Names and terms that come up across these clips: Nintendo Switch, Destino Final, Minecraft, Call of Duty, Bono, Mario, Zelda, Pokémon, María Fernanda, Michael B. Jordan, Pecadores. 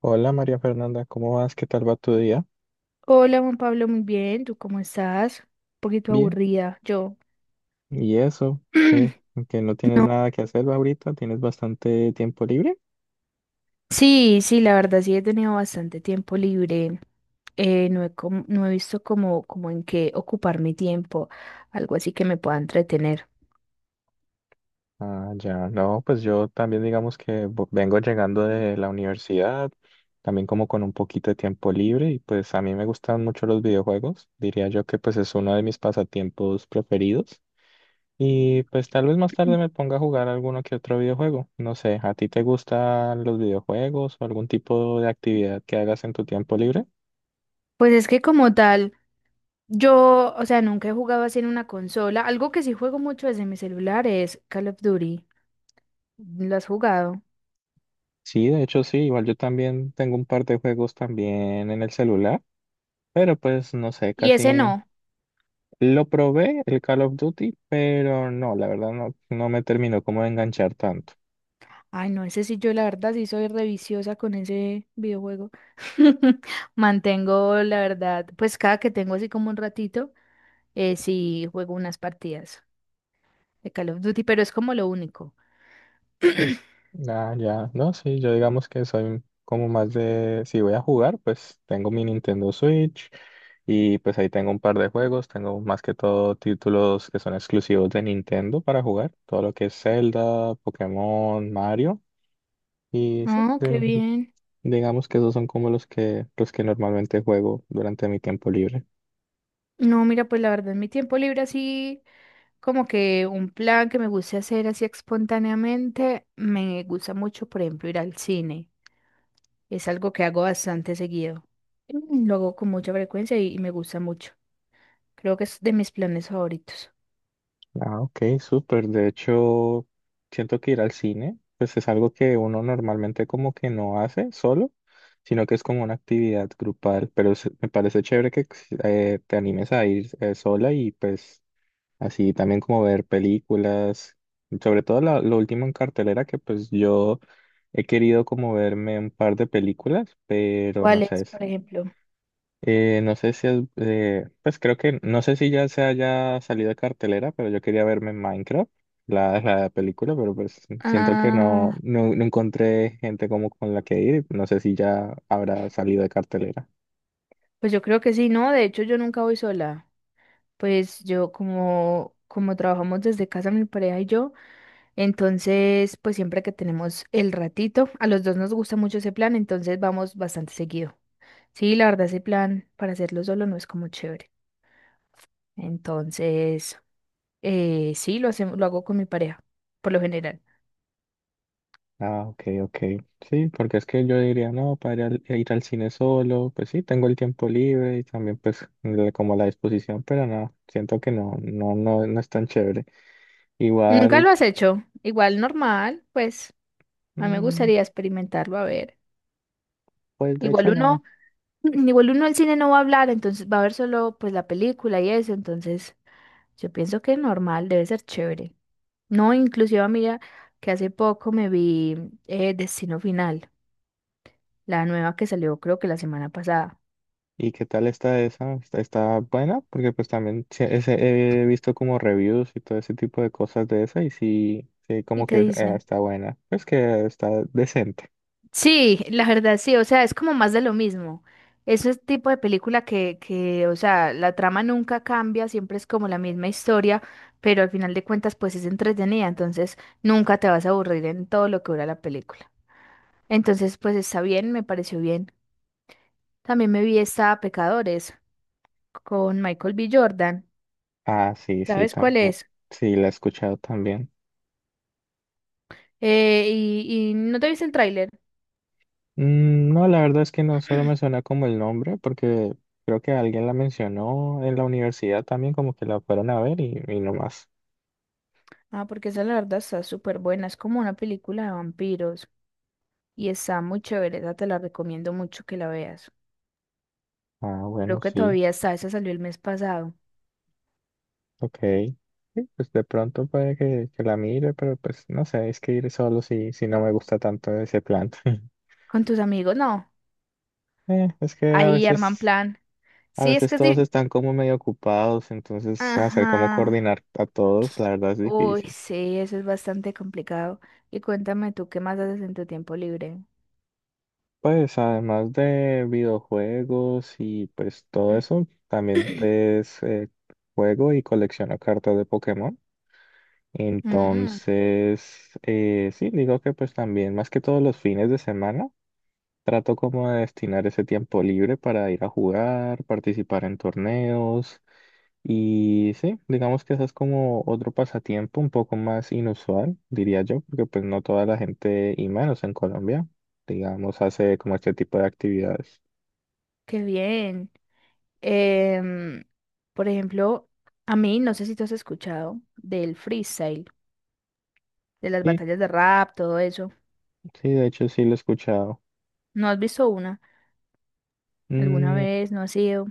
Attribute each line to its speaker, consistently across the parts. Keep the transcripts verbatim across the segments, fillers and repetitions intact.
Speaker 1: Hola María Fernanda, ¿cómo vas? ¿Qué tal va tu día?
Speaker 2: Hola Juan Pablo, muy bien, ¿tú cómo estás? Un poquito
Speaker 1: Bien.
Speaker 2: aburrida, yo.
Speaker 1: ¿Y eso? ¿Qué? ¿Que no tienes
Speaker 2: No,
Speaker 1: nada que hacer ahorita? ¿Tienes bastante tiempo libre?
Speaker 2: Sí, sí, la verdad sí he tenido bastante tiempo libre. Eh, no he, com- no he visto como, como en qué ocupar mi tiempo, algo así que me pueda entretener.
Speaker 1: Ah, ya, no, pues yo también digamos que vo- vengo llegando de la universidad, también como con un poquito de tiempo libre y pues a mí me gustan mucho los videojuegos, diría yo que pues es uno de mis pasatiempos preferidos y pues tal vez más
Speaker 2: Mm.
Speaker 1: tarde me ponga a jugar alguno que otro videojuego, no sé, ¿a ti te gustan los videojuegos o algún tipo de actividad que hagas en tu tiempo libre?
Speaker 2: Pues es que como tal, yo, o sea, nunca he jugado así en una consola. Algo que sí juego mucho desde mi celular es Call of Duty. ¿Lo has jugado?
Speaker 1: Sí, de hecho sí, igual yo también tengo un par de juegos también en el celular, pero pues no sé,
Speaker 2: Y ese
Speaker 1: casi
Speaker 2: no.
Speaker 1: lo probé el Call of Duty, pero no, la verdad no no me terminó como de enganchar tanto.
Speaker 2: Ay, no, ese sí, yo la verdad sí soy reviciosa con ese videojuego. Mantengo, la verdad, pues cada que tengo así como un ratito, eh, sí juego unas partidas de Call of Duty, pero es como lo único.
Speaker 1: Ah, ya, no, sí, yo digamos que soy como más de, si voy a jugar, pues tengo mi Nintendo Switch y pues ahí tengo un par de juegos, tengo más que todo títulos que son exclusivos de Nintendo para jugar, todo lo que es Zelda, Pokémon, Mario. Y sí,
Speaker 2: Oh, qué bien.
Speaker 1: digamos que esos son como los que, los que normalmente juego durante mi tiempo libre.
Speaker 2: No, mira, pues la verdad, en mi tiempo libre así, como que un plan que me guste hacer así espontáneamente, me gusta mucho, por ejemplo, ir al cine. Es algo que hago bastante seguido. Mm, lo hago con mucha frecuencia y y me gusta mucho. Creo que es de mis planes favoritos.
Speaker 1: Ah, ok, súper. De hecho, siento que ir al cine, pues es algo que uno normalmente como que no hace solo, sino que es como una actividad grupal. Pero se- me parece chévere que si, eh, te animes a ir eh, sola y pues así también como ver películas, sobre todo la- lo último en cartelera que pues yo he querido como verme un par de películas, pero no
Speaker 2: ¿Cuál
Speaker 1: sé.
Speaker 2: es, por ejemplo?
Speaker 1: Eh, no sé si es, eh, pues creo que, no sé si ya se haya salido de cartelera, pero yo quería verme en Minecraft, la, la película, pero pues siento que no,
Speaker 2: Ah,
Speaker 1: no, no encontré gente como con la que ir, y no sé si ya habrá salido de cartelera.
Speaker 2: pues yo creo que sí, no, de hecho yo nunca voy sola. Pues yo como como trabajamos desde casa mi pareja y yo, entonces pues siempre que tenemos el ratito, a los dos nos gusta mucho ese plan, entonces vamos bastante seguido. Sí, la verdad ese plan para hacerlo solo no es como chévere. Entonces, eh, sí, lo hacemos, lo hago con mi pareja, por lo general.
Speaker 1: Ah, ok, ok. Sí, porque es que yo diría, no, para ir al, ir al cine solo, pues sí, tengo el tiempo libre y también pues la- como la disposición, pero no, siento que no, no, no, no es tan chévere.
Speaker 2: Nunca lo
Speaker 1: Igual,
Speaker 2: has hecho, igual normal, pues. A mí me
Speaker 1: mm,
Speaker 2: gustaría experimentarlo, a ver.
Speaker 1: pues de
Speaker 2: Igual
Speaker 1: hecho no.
Speaker 2: uno, igual uno al cine no va a hablar, entonces va a ver solo pues la película y eso, entonces yo pienso que normal, debe ser chévere. No, inclusive mira que hace poco me vi eh, Destino Final, la nueva que salió creo que la semana pasada.
Speaker 1: ¿Y qué tal está esa? ¿Está, está buena? Porque pues también sí, ese- he visto como reviews y todo ese tipo de cosas de esa y sí, sí,
Speaker 2: ¿Y
Speaker 1: como
Speaker 2: qué
Speaker 1: que eh,
Speaker 2: dicen?
Speaker 1: está buena. Pues que está decente.
Speaker 2: Sí, la verdad sí, o sea, es como más de lo mismo. Es el tipo de película que, que, o sea, la trama nunca cambia, siempre es como la misma historia, pero al final de cuentas pues es entretenida, entonces nunca te vas a aburrir en todo lo que dura la película. Entonces pues está bien, me pareció bien. También me vi esta Pecadores con Michael B. Jordan,
Speaker 1: Ah, sí, sí,
Speaker 2: ¿sabes cuál
Speaker 1: también.
Speaker 2: es?
Speaker 1: Sí, la he escuchado también.
Speaker 2: Eh, y, y no te viste el tráiler,
Speaker 1: Mm, no, la verdad es que no, solo me suena como el nombre, porque creo que alguien la mencionó en la universidad también, como que la fueron a ver y, y no más.
Speaker 2: ah, porque esa la verdad está súper buena, es como una película de vampiros. Y está muy chévere, esa te la recomiendo mucho que la veas.
Speaker 1: Ah,
Speaker 2: Creo
Speaker 1: bueno,
Speaker 2: que
Speaker 1: sí.
Speaker 2: todavía está, esa salió el mes pasado.
Speaker 1: Ok. Sí, pues de pronto puede que, que la mire, pero pues no sé, es que ir solo si, si no me gusta tanto ese plan.
Speaker 2: Con tus amigos, no.
Speaker 1: Eh, es que a
Speaker 2: Ahí arman
Speaker 1: veces,
Speaker 2: plan.
Speaker 1: a
Speaker 2: Sí, es
Speaker 1: veces
Speaker 2: que es
Speaker 1: todos
Speaker 2: di-
Speaker 1: están como medio ocupados, entonces hacer
Speaker 2: Ajá.
Speaker 1: como coordinar a todos, la verdad es
Speaker 2: Uy,
Speaker 1: difícil.
Speaker 2: sí, eso es bastante complicado. Y cuéntame tú, ¿qué más haces en tu tiempo libre?
Speaker 1: Pues además de videojuegos y pues todo eso, también pues eh, juego y colecciono cartas de Pokémon.
Speaker 2: Mm,
Speaker 1: Entonces, eh, sí, digo que pues también más que todos los fines de semana. Trato como de destinar ese tiempo libre para ir a jugar, participar en torneos y sí, digamos que ese es como otro pasatiempo un poco más inusual, diría yo, porque pues no toda la gente y menos en Colombia, digamos, hace como este tipo de actividades.
Speaker 2: qué bien. Em, por ejemplo, a mí, no sé si tú has escuchado del freestyle, de las
Speaker 1: Sí,
Speaker 2: batallas de rap, todo eso.
Speaker 1: sí, de hecho sí lo he escuchado.
Speaker 2: ¿No has visto una? ¿Alguna
Speaker 1: Mm,
Speaker 2: vez? ¿No has ido?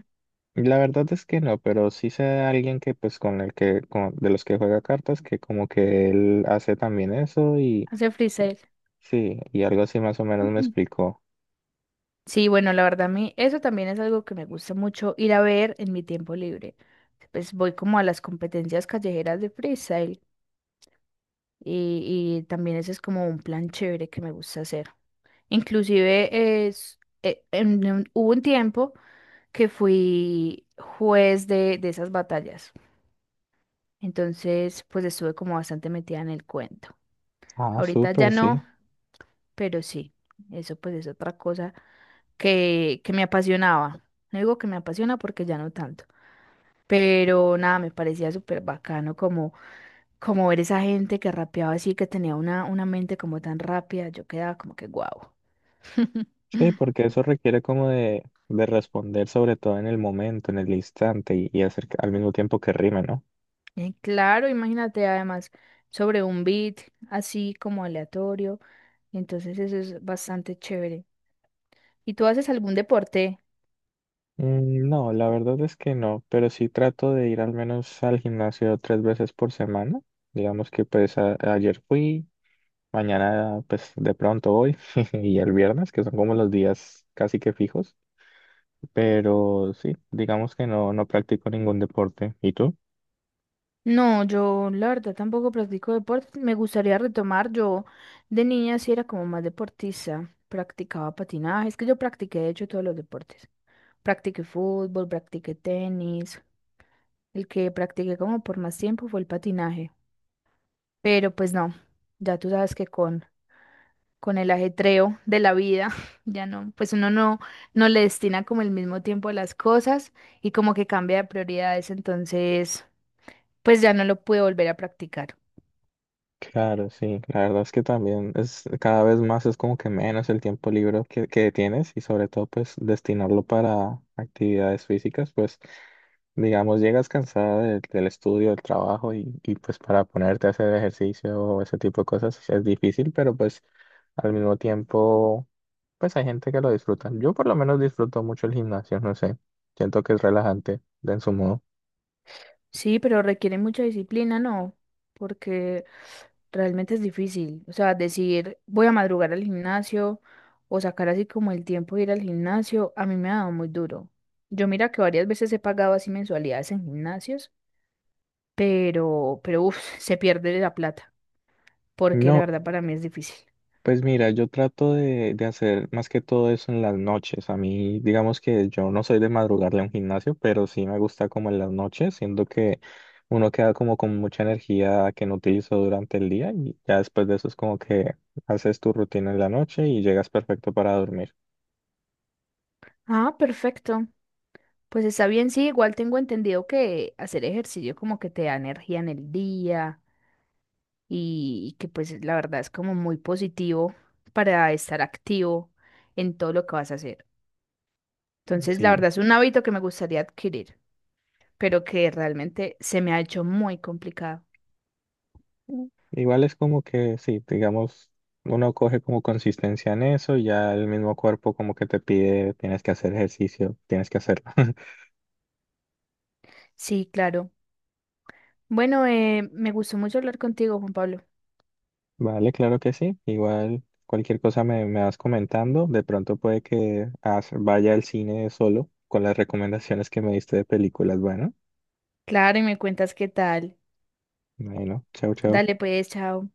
Speaker 1: la verdad es que no, pero sí sé de alguien que pues con el que, con- de los que juega cartas, que como que él hace también eso y
Speaker 2: Hace freestyle.
Speaker 1: sí, y algo así más o menos me
Speaker 2: Ujú.
Speaker 1: explicó.
Speaker 2: Sí, bueno, la verdad a mí eso también es algo que me gusta mucho ir a ver en mi tiempo libre. Pues voy como a las competencias callejeras de freestyle y, y también ese es como un plan chévere que me gusta hacer. Inclusive es, eh, en un- hubo un tiempo que fui juez de, de esas batallas. Entonces, pues estuve como bastante metida en el cuento.
Speaker 1: Ah,
Speaker 2: Ahorita ya
Speaker 1: súper, sí.
Speaker 2: no, pero sí, eso pues es otra cosa que, que me apasionaba. No digo que me apasiona porque ya no tanto, pero nada, me parecía súper bacano como, como ver esa gente que rapeaba así, que tenía una, una mente como tan rápida, yo quedaba como que guau.
Speaker 1: Sí, porque eso requiere como de, de responder sobre todo en el momento, en el instante y, y hacer que- al mismo tiempo que rime, ¿no?
Speaker 2: Eh, Claro, imagínate además sobre un beat así como aleatorio, entonces eso es bastante chévere. ¿Y tú haces algún deporte?
Speaker 1: Mm, No, la verdad es que no, pero sí trato de ir al menos al gimnasio tres veces por semana. Digamos que pues a- ayer fui, mañana pues de pronto voy y el viernes, que son como los días casi que fijos, pero sí, digamos que no, no practico ningún deporte. ¿Y tú?
Speaker 2: No, yo la verdad tampoco practico deporte. Me gustaría retomar. Yo de niña sí era como más deportista. Practicaba patinaje. Es que yo practiqué de hecho todos los deportes. Practiqué fútbol, practiqué tenis. El que practiqué como por más tiempo fue el patinaje. Pero pues no, ya tú sabes que con, con el ajetreo de la vida, ya no, pues uno no, no le destina como el mismo tiempo a las cosas y como que cambia de prioridades. Entonces, pues ya no lo pude volver a practicar.
Speaker 1: Claro, sí, la verdad es que también es cada vez más, es como que menos el tiempo libre que, que tienes y sobre todo pues destinarlo para actividades físicas, pues digamos llegas cansada del del estudio, del trabajo y, y pues para ponerte a hacer ejercicio o ese tipo de cosas es difícil, pero pues al mismo tiempo pues hay gente que lo disfruta. Yo por lo menos disfruto mucho el gimnasio, no sé, siento que es relajante de en su modo.
Speaker 2: Sí, pero requiere mucha disciplina, ¿no? Porque realmente es difícil. O sea, decir, voy a madrugar al gimnasio o sacar así como el tiempo de ir al gimnasio, a mí me ha dado muy duro. Yo mira que varias veces he pagado así mensualidades en gimnasios, pero, pero uf, se pierde la plata, porque la
Speaker 1: No.
Speaker 2: verdad para mí es difícil.
Speaker 1: Pues mira, yo trato de, de hacer más que todo eso en las noches. A mí, digamos que yo no soy de madrugarle a un gimnasio, pero sí me gusta como en las noches, siendo que uno queda como con mucha energía que no utilizó durante el día y ya después de eso es como que haces tu rutina en la noche y llegas perfecto para dormir.
Speaker 2: Ah, perfecto. Pues está bien, sí, igual tengo entendido que hacer ejercicio como que te da energía en el día y, y que pues la verdad es como muy positivo para estar activo en todo lo que vas a hacer. Entonces, la verdad
Speaker 1: Sí.
Speaker 2: es un hábito que me gustaría adquirir, pero que realmente se me ha hecho muy complicado.
Speaker 1: Mm. Igual es como que sí, digamos, uno coge como consistencia en eso y ya el mismo cuerpo como que te pide, tienes que hacer ejercicio, tienes que hacerlo.
Speaker 2: Sí, claro. Bueno, eh, me gustó mucho hablar contigo, Juan Pablo.
Speaker 1: Vale, claro que sí. Igual cualquier cosa me, me vas comentando. De pronto puede que as- vaya al cine solo con las recomendaciones que me diste de películas. Bueno,
Speaker 2: Claro, y me cuentas qué tal.
Speaker 1: bueno, chao,
Speaker 2: Dale
Speaker 1: chao.
Speaker 2: pues, chao.